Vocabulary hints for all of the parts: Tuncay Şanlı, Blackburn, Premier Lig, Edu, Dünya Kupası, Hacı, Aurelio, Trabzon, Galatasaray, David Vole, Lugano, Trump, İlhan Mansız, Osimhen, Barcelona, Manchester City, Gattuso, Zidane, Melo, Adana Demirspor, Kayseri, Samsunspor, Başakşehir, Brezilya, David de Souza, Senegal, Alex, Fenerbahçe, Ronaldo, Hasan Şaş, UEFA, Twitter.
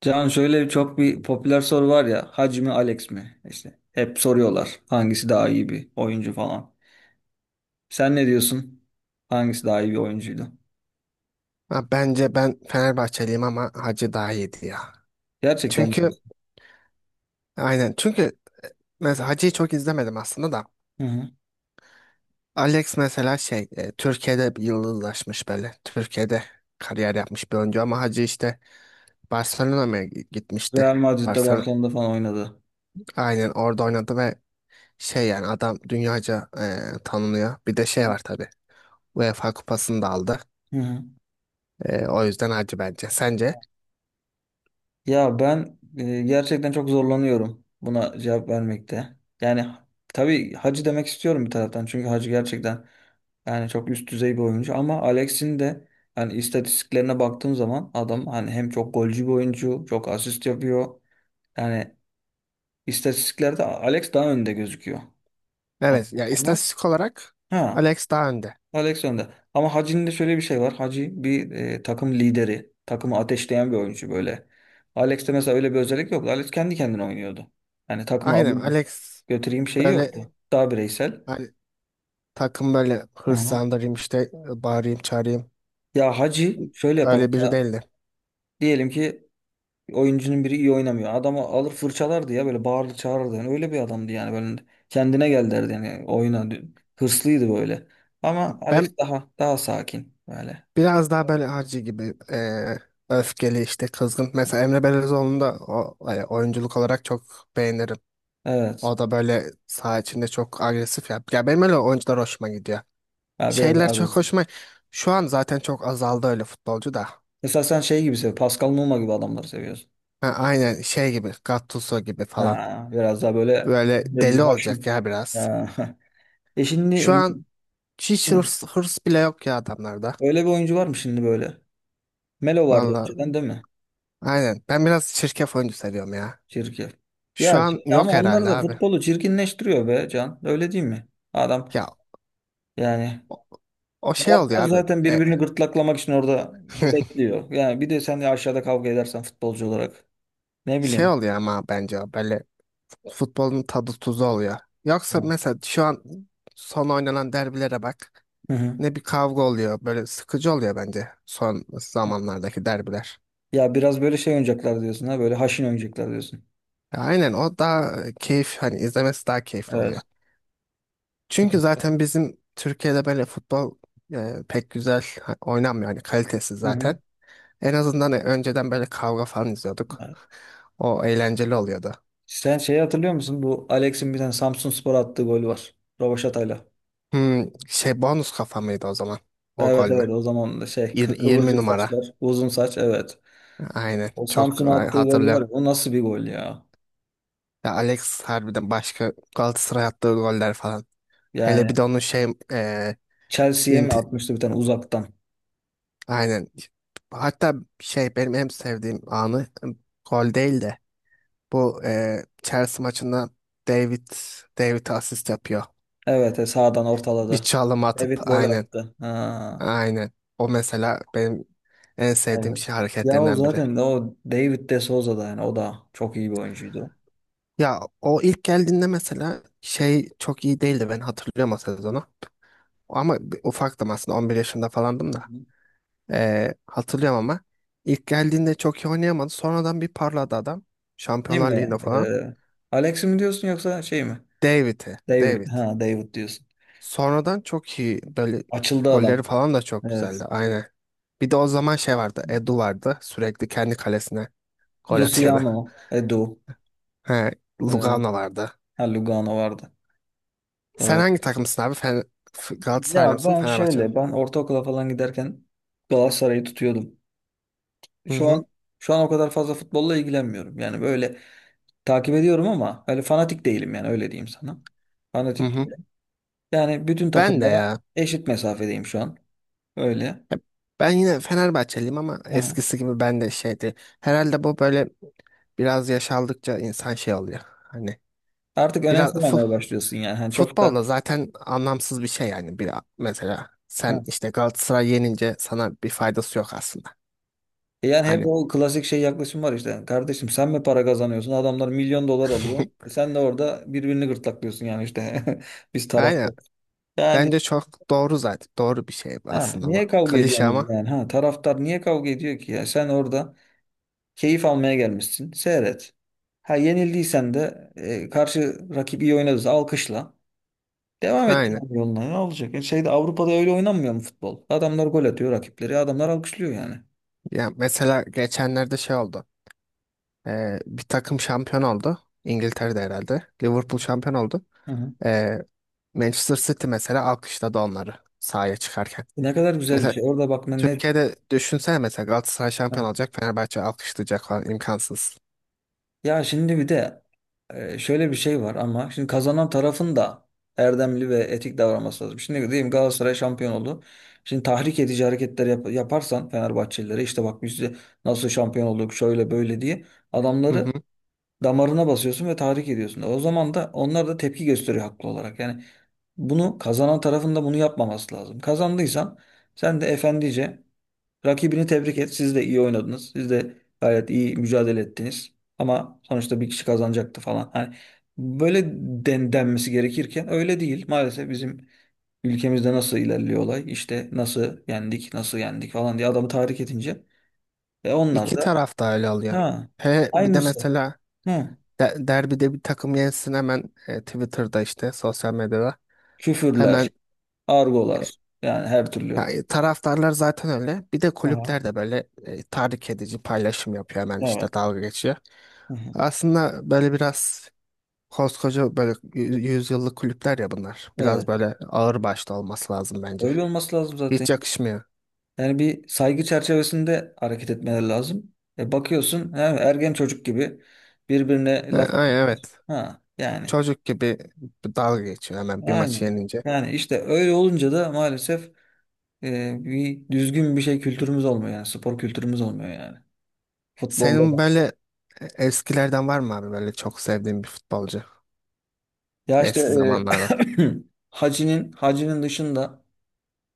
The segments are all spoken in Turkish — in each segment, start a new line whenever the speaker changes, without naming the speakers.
Can, şöyle çok bir popüler soru var ya, Hacı mi Alex mi? İşte hep soruyorlar, hangisi daha iyi bir oyuncu falan. Sen ne diyorsun? Hangisi daha iyi bir oyuncuydu?
Ha, bence ben Fenerbahçeliyim ama Hacı daha iyiydi ya.
Gerçekten mi
Çünkü
diyorsun?
aynen çünkü mesela Hacı'yı çok izlemedim aslında da.
Hı hı.
Alex mesela şey Türkiye'de bir yıldızlaşmış böyle. Türkiye'de kariyer yapmış bir oyuncu ama Hacı işte Barcelona'ya mı gitmişti.
Real Madrid'de,
Barcelona.
Barcelona'da falan oynadı.
Aynen orada oynadı ve şey yani adam dünyaca tanınıyor. Bir de şey var tabii. UEFA kupasını da aldı.
Hı hı.
O yüzden Hacı bence. Sence?
Ya ben gerçekten çok zorlanıyorum buna cevap vermekte. Yani tabii Hacı demek istiyorum bir taraftan. Çünkü Hacı gerçekten yani çok üst düzey bir oyuncu, ama Alex'in de hani istatistiklerine baktığım zaman adam hani hem çok golcü bir oyuncu, çok asist yapıyor. Yani istatistiklerde Alex daha önde gözüküyor.
Evet
Ondan
ya
sonra
istatistik olarak
ha
Alex daha önde.
Alex önde. Ama Hacı'nın da şöyle bir şey var. Hacı bir takım lideri. Takımı ateşleyen bir oyuncu böyle. Alex'te mesela öyle bir özellik yoktu. Alex kendi kendine oynuyordu. Yani takımı
Aynen
alayım
Alex.
götüreyim şeyi yoktu.
Böyle
Daha bireysel.
hani takım böyle
Aha.
hırslandırayım işte bağırayım çağırayım.
Ya Hacı şöyle yapar
Öyle biri
mesela.
değildi.
Diyelim ki oyuncunun biri iyi oynamıyor. Adamı alır fırçalardı ya, böyle bağırdı çağırırdı. Yani öyle bir adamdı yani, böyle kendine gel derdi yani oyuna. Hırslıydı böyle. Ama Alex
Ben
daha sakin böyle.
biraz daha böyle harcı gibi öfkeli işte kızgın. Mesela Emre Belezoğlu'nu da oyunculuk olarak çok beğenirim.
Evet.
O da böyle saha içinde çok agresif ya. Ya benim öyle oyuncular hoşuma gidiyor.
Ya biraz daha
Şeyler çok
agresif.
hoşuma... Şu an zaten çok azaldı öyle futbolcu da.
Mesela sen Pascal Numa gibi adamları seviyorsun.
Ha, aynen şey gibi Gattuso gibi falan.
Ha, biraz daha böyle
Böyle
belli,
deli olacak
haşin.
ya biraz.
Ha. E
Şu
şimdi
an hiç
e,
hırs, hırs bile yok ya adamlarda.
öyle bir oyuncu var mı şimdi böyle? Melo vardı
Valla
önceden, değil mi?
aynen ben biraz çirkef oyuncu seviyorum ya.
Çirkin. Ya
Şu an
şimdi ama
yok
onlar
herhalde
da
abi.
futbolu çirkinleştiriyor be Can. Öyle değil mi? Adam
Ya
yani,
o şey oluyor
taraftar
abi.
zaten birbirini gırtlaklamak için orada bekliyor. Yani bir de sen de aşağıda kavga edersen futbolcu olarak ne
Şey
bileyim.
oluyor ama bence o böyle futbolun tadı tuzu oluyor. Yoksa
Hı
mesela şu an son oynanan derbilere bak.
hı.
Ne bir kavga oluyor. Böyle sıkıcı oluyor bence son zamanlardaki derbiler.
Ya biraz böyle şey oynayacaklar diyorsun, ha böyle haşin oynayacaklar diyorsun.
Aynen o daha keyif hani izlemesi daha keyifli oluyor.
Evet.
Çünkü zaten bizim Türkiye'de böyle futbol pek güzel oynanmıyor hani kalitesiz
Hı hı.
zaten. En azından önceden böyle kavga falan izliyorduk.
Evet.
O eğlenceli oluyordu.
Sen şeyi hatırlıyor musun? Bu Alex'in bir tane Samsunspor attığı golü var. Rövaşatayla.
Şey bonus kafa mıydı o zaman? O
Evet
gol mü?
evet, o zaman da şey
20
kıvırcık
numara.
saçlar, uzun saç, evet.
Aynen.
O
Çok
Samsun'a attığı gol var
hatırlıyorum.
ya, o nasıl bir gol ya?
Ya Alex harbiden başka Galatasaray attığı goller falan. Hele bir
Yani
de onun şey,
Chelsea'ye mi atmıştı bir tane uzaktan?
aynen. Hatta şey benim en sevdiğim anı gol değil de bu Chelsea maçında David David asist yapıyor.
Evet sağdan
Bir
ortaladı.
çalım atıp
David vole
aynen,
attı. Ha,
aynen. O mesela benim en sevdiğim
evet.
şey
Ya o
hareketlerinden biri.
zaten de o David de Souza da yani o da çok iyi bir oyuncuydu.
Ya o ilk geldiğinde mesela şey çok iyi değildi ben hatırlıyorum o sezonu. Ama ufaktım aslında 11 yaşında falandım
Hı
da.
hı.
Hatırlıyorum ama ilk geldiğinde çok iyi oynayamadı. Sonradan bir parladı adam.
Değil
Şampiyonlar
mi?
Ligi'nde falan.
Alex mi diyorsun yoksa şey mi?
David'i.
David.
David.
Ha, David diyorsun.
Sonradan çok iyi böyle
Açıldı
golleri
adam.
falan da çok
Evet.
güzeldi. Aynen. Bir de o zaman şey vardı. Edu vardı. Sürekli kendi kalesine gol atıyordu.
Luciano, Edu,
He,
e,
Lugano vardı.
ha, Lugano vardı.
Sen
Doğru.
hangi takımsın abi? Fen Galatasaraylı
Ya
mısın?
ben
Fenerbahçe'nin.
şöyle, ben ortaokula falan giderken Galatasaray'ı tutuyordum.
Mi? Hı
Şu
hı.
an şu an o kadar fazla futbolla ilgilenmiyorum. Yani böyle takip ediyorum ama öyle fanatik değilim, yani öyle diyeyim sana.
Hı
Fanatik
hı.
değilim. Yani bütün
Ben de
takımlara
ya.
eşit mesafedeyim şu an. Öyle.
Hep- Ben yine Fenerbahçeliyim ama
Aha.
eskisi gibi ben de şeydi. Herhalde bu böyle biraz yaş aldıkça insan şey oluyor. Hani
Artık
biraz
önemsememeye başlıyorsun yani. Hani çok
futbolda
da
zaten anlamsız bir şey yani bir mesela sen işte Galatasaray yenince sana bir faydası yok aslında.
E yani hep
Hani
o klasik şey yaklaşım var işte. Kardeşim, sen mi para kazanıyorsun? Adamlar milyon dolar alıyor. E, sen de orada birbirini gırtlaklıyorsun yani işte. Biz
aynen
taraftar. Yani
bence çok doğru zaten doğru bir şey
ha,
aslında bu
niye kavga
klişe
ediyorsunuz
ama
yani? Ha, taraftar niye kavga ediyor ki ya? Sen orada keyif almaya gelmişsin. Seyret. Ha, yenildiysen de karşı rakip iyi oynadıysa alkışla. Devam et
aynen.
yani yoluna. Ne olacak? Şeyde, Avrupa'da öyle oynanmıyor mu futbol? Adamlar gol atıyor rakipleri. Adamlar alkışlıyor yani.
Ya mesela geçenlerde şey oldu. Bir takım şampiyon oldu İngiltere'de herhalde. Liverpool şampiyon oldu.
Hı hı.
Ee, Manchester City mesela alkışladı onları sahaya çıkarken.
Ne kadar güzel bir
Mesela
şey. Orada bak
Türkiye'de düşünsene mesela Galatasaray şampiyon
ne-
olacak Fenerbahçe alkışlayacak falan imkansız.
ya şimdi bir de şöyle bir şey var. Ama şimdi kazanan tarafın da erdemli ve etik davranması lazım. Şimdi diyeyim Galatasaray şampiyon oldu. Şimdi tahrik edici hareketler yaparsan Fenerbahçelilere, işte bak biz de nasıl şampiyon olduk şöyle böyle diye,
Hı
adamları
hı.
damarına basıyorsun ve tahrik ediyorsun. O zaman da onlar da tepki gösteriyor haklı olarak. Yani bunu kazanan tarafın da bunu yapmaması lazım. Kazandıysan sen de efendice rakibini tebrik et. Siz de iyi oynadınız. Siz de gayet iyi mücadele ettiniz. Ama sonuçta bir kişi kazanacaktı falan. Hani böyle denmesi gerekirken öyle değil. Maalesef bizim ülkemizde nasıl ilerliyor olay? İşte nasıl yendik, nasıl yendik falan diye adamı tahrik edince. Ve onlar
İki
da
taraf da öyle oluyor.
ha
He, bir de
aynısı.
mesela
Hı.
derbide bir takım yensin hemen Twitter'da işte sosyal medyada hemen
Küfürler, argolar, yani her türlü.
yani taraftarlar zaten öyle. Bir de
Aha,
kulüpler de böyle tahrik edici paylaşım yapıyor hemen işte
evet.
dalga geçiyor.
Hı hı,
Aslında böyle biraz koskoca böyle yüzyıllık kulüpler ya bunlar. Biraz
evet.
böyle ağır başlı olması lazım bence.
Öyle olması lazım zaten.
Hiç yakışmıyor.
Yani bir saygı çerçevesinde hareket etmeleri lazım. E bakıyorsun ergen çocuk gibi birbirine laf
Ay,
atıyorlar.
evet.
Ha yani
Çocuk gibi dalga geçiyor hemen bir maçı
aynen.
yenince.
Yani işte öyle olunca da maalesef bir düzgün bir şey kültürümüz olmuyor, yani spor kültürümüz olmuyor yani. Futbolda da.
Senin böyle eskilerden var mı abi böyle çok sevdiğin bir futbolcu
Ya işte
eski zamanlardan?
e, Hacı'nın dışında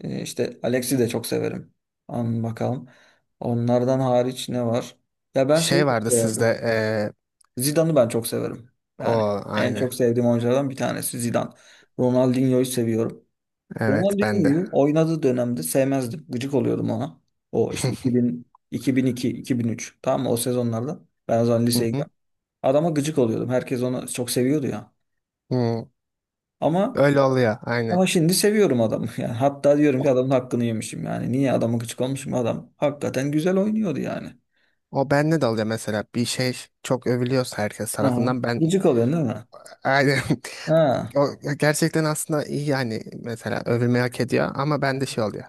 işte Alex'i de çok severim. An bakalım. Onlardan hariç ne var? Ya ben
Şey
şeyi çok
vardı
severdim.
sizde
Zidane'ı ben çok severim.
o
Yani en
aynı.
çok sevdiğim oyunculardan bir tanesi Zidane. Ronaldinho'yu seviyorum.
Evet ben de.
Ronaldinho'yu oynadığı dönemde sevmezdim. Gıcık oluyordum ona. O işte 2000, 2002, 2003, tamam mı? O sezonlarda. Ben o zaman
Hı
liseye
hı.
gidiyorum. Adama gıcık oluyordum. Herkes onu çok seviyordu ya.
Hı.
Ama
Öyle oluyor aynı.
ama şimdi seviyorum adamı. Yani hatta diyorum
O,
ki adamın hakkını yemişim yani. Niye adama gıcık olmuşum? Adam hakikaten güzel oynuyordu yani.
o bende de oluyor mesela bir şey çok övülüyorsa herkes
Hı.
tarafından ben
Gıcık oluyorsun değil mi?
aynı.
Ha.
O gerçekten aslında iyi yani mesela övülmeyi hak ediyor ama bende şey oluyor.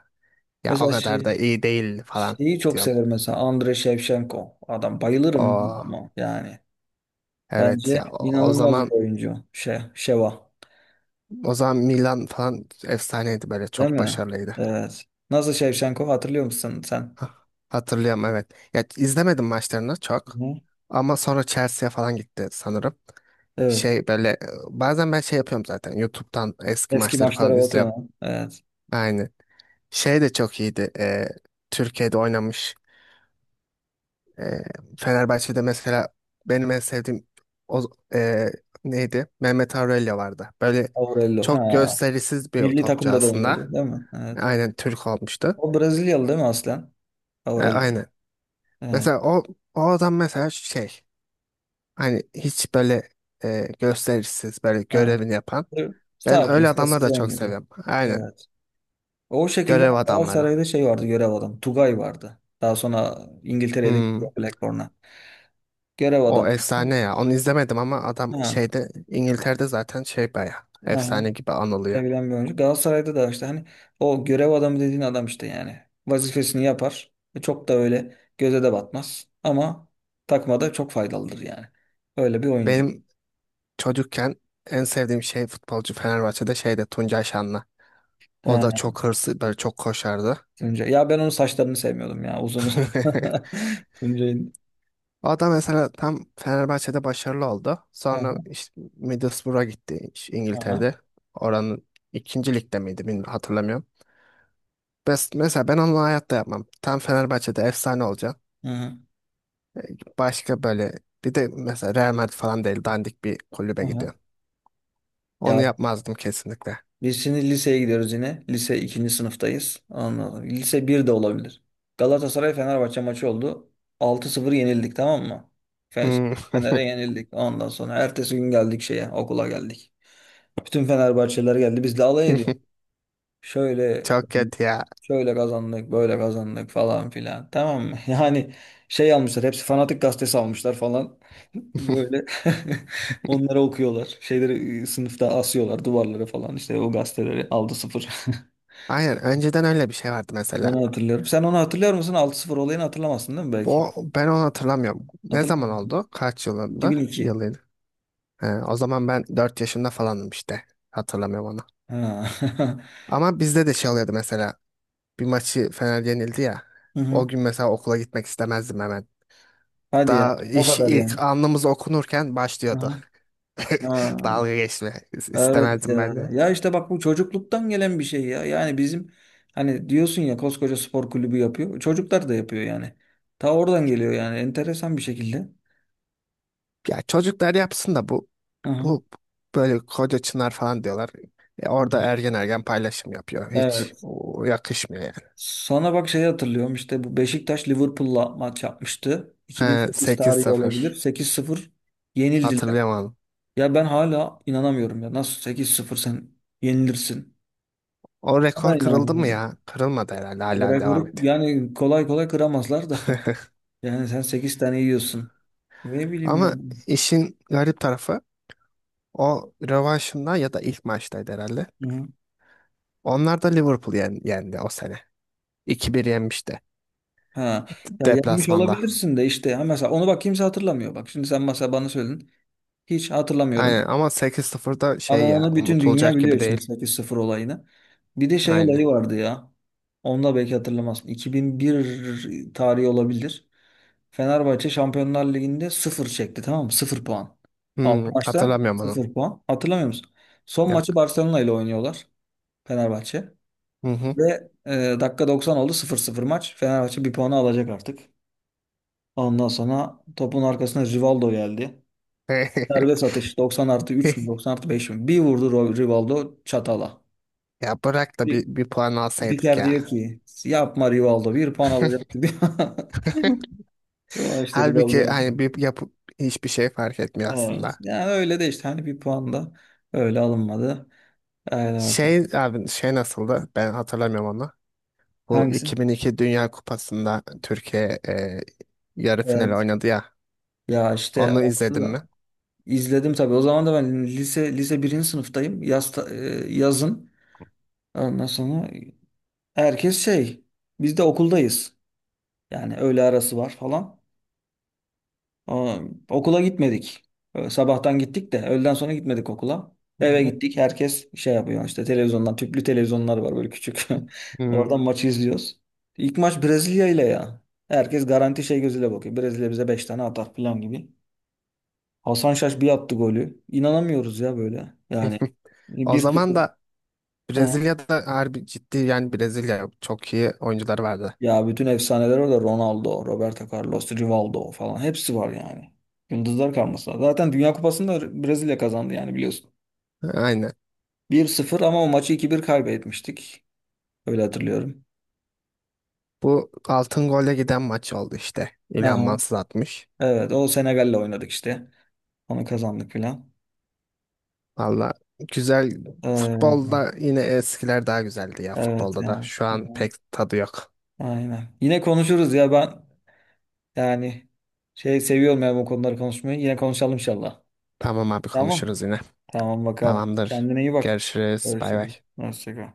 Ya o
Mesela
kadar da iyi değil falan
şeyi çok
diyorum.
severim mesela, Andre Shevchenko. Adam bayılırım
O
ama yani.
evet
Bence
ya, o, o
inanılmaz bir
zaman
oyuncu. Şey, Şeva.
O zaman Milan falan efsaneydi böyle
Değil
çok
mi?
başarılıydı.
Evet. Nasıl Shevchenko, hatırlıyor musun sen?
Hah, hatırlıyorum evet. Ya izlemedim maçlarını çok
Hı.
ama sonra Chelsea'ye falan gitti sanırım.
Evet.
Şey böyle bazen ben şey yapıyorum zaten YouTube'dan eski
Eski
maçları falan
maçlara
izliyorum.
bakıyorsun. Ha. Evet.
Aynı. Şey de çok iyiydi. Türkiye'de oynamış. E, Fenerbahçe'de mesela benim en sevdiğim o, e, neydi? Mehmet Aurelio vardı. Böyle
Aurelio. Ha.
çok gösterisiz bir
Milli
topçu
takımda da
aslında.
oynuyordu, değil mi? Evet.
Aynen Türk olmuştu.
O Brezilyalı değil mi aslen? Aurelio.
Aynen.
Evet.
Mesela o adam mesela şey hani hiç böyle gösterişsiz böyle
Evet.
görevini yapan. Ben
Sakin,
öyle adamları
sessiz
da çok
oynuyordu.
seviyorum. Aynen
Evet. O şekilde
görev adamları.
Galatasaray'da şey vardı, görev adam. Tugay vardı. Daha sonra İngiltere'ye de gitti,
Hmm.
Blackburn'a. Görev
O
adam.
efsane ya. Onu izlemedim ama adam
Ha,
şeyde İngiltere'de zaten şey baya
ha,
efsane gibi anılıyor.
sevilen bir oyuncu. Galatasaray'da da işte hani o görev adamı dediğin adam işte yani. Vazifesini yapar. E, çok da öyle göze de batmaz. Ama takmada çok faydalıdır yani. Öyle bir oyuncu.
Benim çocukken en sevdiğim şey futbolcu Fenerbahçe'de şeyde Tuncay Şanlı. O da
Ha,
çok hırslı, böyle çok koşardı.
Tuncay. Ya ben onun saçlarını sevmiyordum ya. Uzun uzun. Tuncay'ın.
O da mesela tam Fenerbahçe'de başarılı oldu. Sonra
Ha,
işte Middlesbrough'a gitti işte
ha,
İngiltere'de. Oranın ikinci ligde miydi bilmiyorum, hatırlamıyorum. Mesela ben onu hayatta yapmam. Tam Fenerbahçe'de efsane olacaksın.
ha,
Başka böyle bir de mesela Real Madrid falan değil dandik bir
ha,
kulübe
ha.
gidiyorsun. Onu
Ya
yapmazdım kesinlikle.
biz şimdi liseye gidiyoruz yine. Lise ikinci sınıftayız. Anladım. Lise bir de olabilir. Galatasaray Fenerbahçe maçı oldu. 6-0 yenildik, tamam mı? Fe-
Hmm.
Fener'e yenildik. Ondan sonra ertesi gün geldik şeye, okula geldik. Bütün Fenerbahçeliler geldi. Biz de alay ediyor. Şöyle
Çok kötü ya.
Şöyle kazandık, böyle kazandık falan filan. Tamam mı? Yani şey almışlar, hepsi Fanatik gazetesi almışlar falan. Böyle onları okuyorlar. Şeyleri sınıfta asıyorlar duvarlara falan. İşte o gazeteleri aldı, sıfır.
Aynen önceden öyle bir şey vardı mesela.
Onu hatırlıyorum. Sen onu hatırlıyor musun? 6-0 olayını hatırlamazsın değil mi belki?
Ben onu hatırlamıyorum. Ne
Hatırlamıyor
zaman
musun?
oldu? Kaç
iki.
yılında?
bin iki.
Yılıydı. He, o zaman ben 4 yaşında falanım işte. Hatırlamıyorum onu.
Ha.
Ama bizde de şey oluyordu mesela. Bir maçı Fener yenildi ya.
Hı hı.
O gün mesela okula gitmek istemezdim hemen.
Hadi ya.
Daha
O
iş
kadar
ilk
yani.
anımız okunurken
Hı
başlıyordu.
hı. Ha.
Dalga geçme.
Evet
İstemezdim ben
ya.
de.
Ya işte bak bu çocukluktan gelen bir şey ya. Yani bizim, hani diyorsun ya, koskoca spor kulübü yapıyor. Çocuklar da yapıyor yani. Ta oradan geliyor, yani enteresan bir şekilde.
Ya çocuklar yapsın da bu
Hı hı.
bu böyle koca çınar falan diyorlar. Orada ergen ergen paylaşım yapıyor. Hiç
Evet.
yakışmıyor yani.
Sana bak şeyi hatırlıyorum, işte bu Beşiktaş Liverpool'la maç yapmıştı.
He,
2008 tarihi olabilir.
8-0.
8-0 yenildiler.
Hatırlayamadım.
Ya ben hala inanamıyorum ya. Nasıl 8-0 sen yenilirsin?
O
Hala
rekor kırıldı mı
inanamıyorum.
ya? Kırılmadı herhalde
O
hala devam
rekoru
ediyor.
yani kolay kolay kıramazlar da. Yani sen 8 tane yiyorsun. Ne bileyim ya.
Ama işin garip tarafı o rövanşında ya da ilk maçtaydı herhalde.
Hı.
Onlar da Liverpool yendi o sene. 2 bir yenmişti
Ha. Ya yapmış
Deplasmanda.
olabilirsin de işte. Ha mesela onu bak kimse hatırlamıyor. Bak şimdi sen mesela bana söyledin. Hiç
Aynen
hatırlamıyorum.
ama 8-0'da
Ama
şey ya
onu bütün dünya
unutulacak
biliyor
gibi
şimdi,
değil.
8-0 olayını. Bir de şey
Aynen.
olayı vardı ya. Onu da belki hatırlamazsın. 2001 tarihi olabilir. Fenerbahçe Şampiyonlar Ligi'nde sıfır çekti, tamam mı? 0 puan. 6 maçta
Hatırlamıyorum onu.
sıfır puan. Hatırlamıyor musun? Son maçı
Yok.
Barcelona ile oynuyorlar. Fenerbahçe.
Hı hı.
Ve dakika 90 oldu, 0-0 maç. Fenerbahçe bir puanı alacak artık. Ondan sonra topun arkasına Rivaldo geldi. Serbest atış, 90 artı 3 mü 90 artı 5 mi? Bir vurdu Rivaldo çatala.
Ya bırak da
Bir,
bir puan alsaydık
spiker
ya.
diyor ki yapma Rivaldo, bir puan alacaktı, diyor. Ama işte
Halbuki
Rivaldo.
hani bir yapıp hiçbir şey fark etmiyor
Evet.
aslında.
Yani öyle de işte hani bir puan da öyle alınmadı. Haydi
Şey
bakalım.
abi şey nasıldı? Ben hatırlamıyorum onu. Bu
Hangisi?
2002 Dünya Kupası'nda Türkiye yarı final
Evet.
oynadı ya.
Ya işte
Onu izledin mi?
İzledim tabii. O zaman da ben lise birinci sınıftayım. Yaz, yazın. Ondan sonra herkes şey. Biz de okuldayız. Yani öğle arası var falan. Aa, okula gitmedik. Sabahtan gittik de öğleden sonra gitmedik okula. Eve
Hı
gittik. Herkes şey yapıyor işte televizyondan. Tüplü televizyonlar var böyle, küçük.
hı. Hmm.
Oradan maçı izliyoruz. İlk maç Brezilya ile ya. Herkes garanti şey gözüyle bakıyor. Brezilya bize 5 tane atar falan gibi. Hasan Şaş bir attı golü. İnanamıyoruz ya böyle. Yani
O
bir 0
zaman da
hı.
Brezilya'da harbi ciddi yani Brezilya çok iyi oyuncuları vardı.
Ya bütün efsaneler orada. Ronaldo, Roberto Carlos, Rivaldo falan. Hepsi var yani. Yıldızlar karmasına. Zaten Dünya Kupası'nı da Brezilya kazandı yani, biliyorsun.
Aynen.
1-0, ama o maçı 2-1 kaybetmiştik. Öyle hatırlıyorum.
Bu altın golle giden maç oldu işte.
Hı
İlhan
hı.
Mansız atmış.
Evet, o Senegal'le oynadık işte. Onu kazandık filan.
Valla güzel
Ee,
futbolda yine eskiler daha güzeldi ya
evet
futbolda da.
ya.
Şu
Hı
an
hı.
pek tadı yok.
Aynen. Yine konuşuruz ya ben yani şey seviyorum ya, bu konuları konuşmayı. Yine konuşalım inşallah.
Tamam abi
Tamam.
konuşuruz yine.
Tamam bakalım.
Tamamdır.
Kendine iyi bak.
Görüşürüz. Bay bay.
Görüşürüz. Hoşça kal.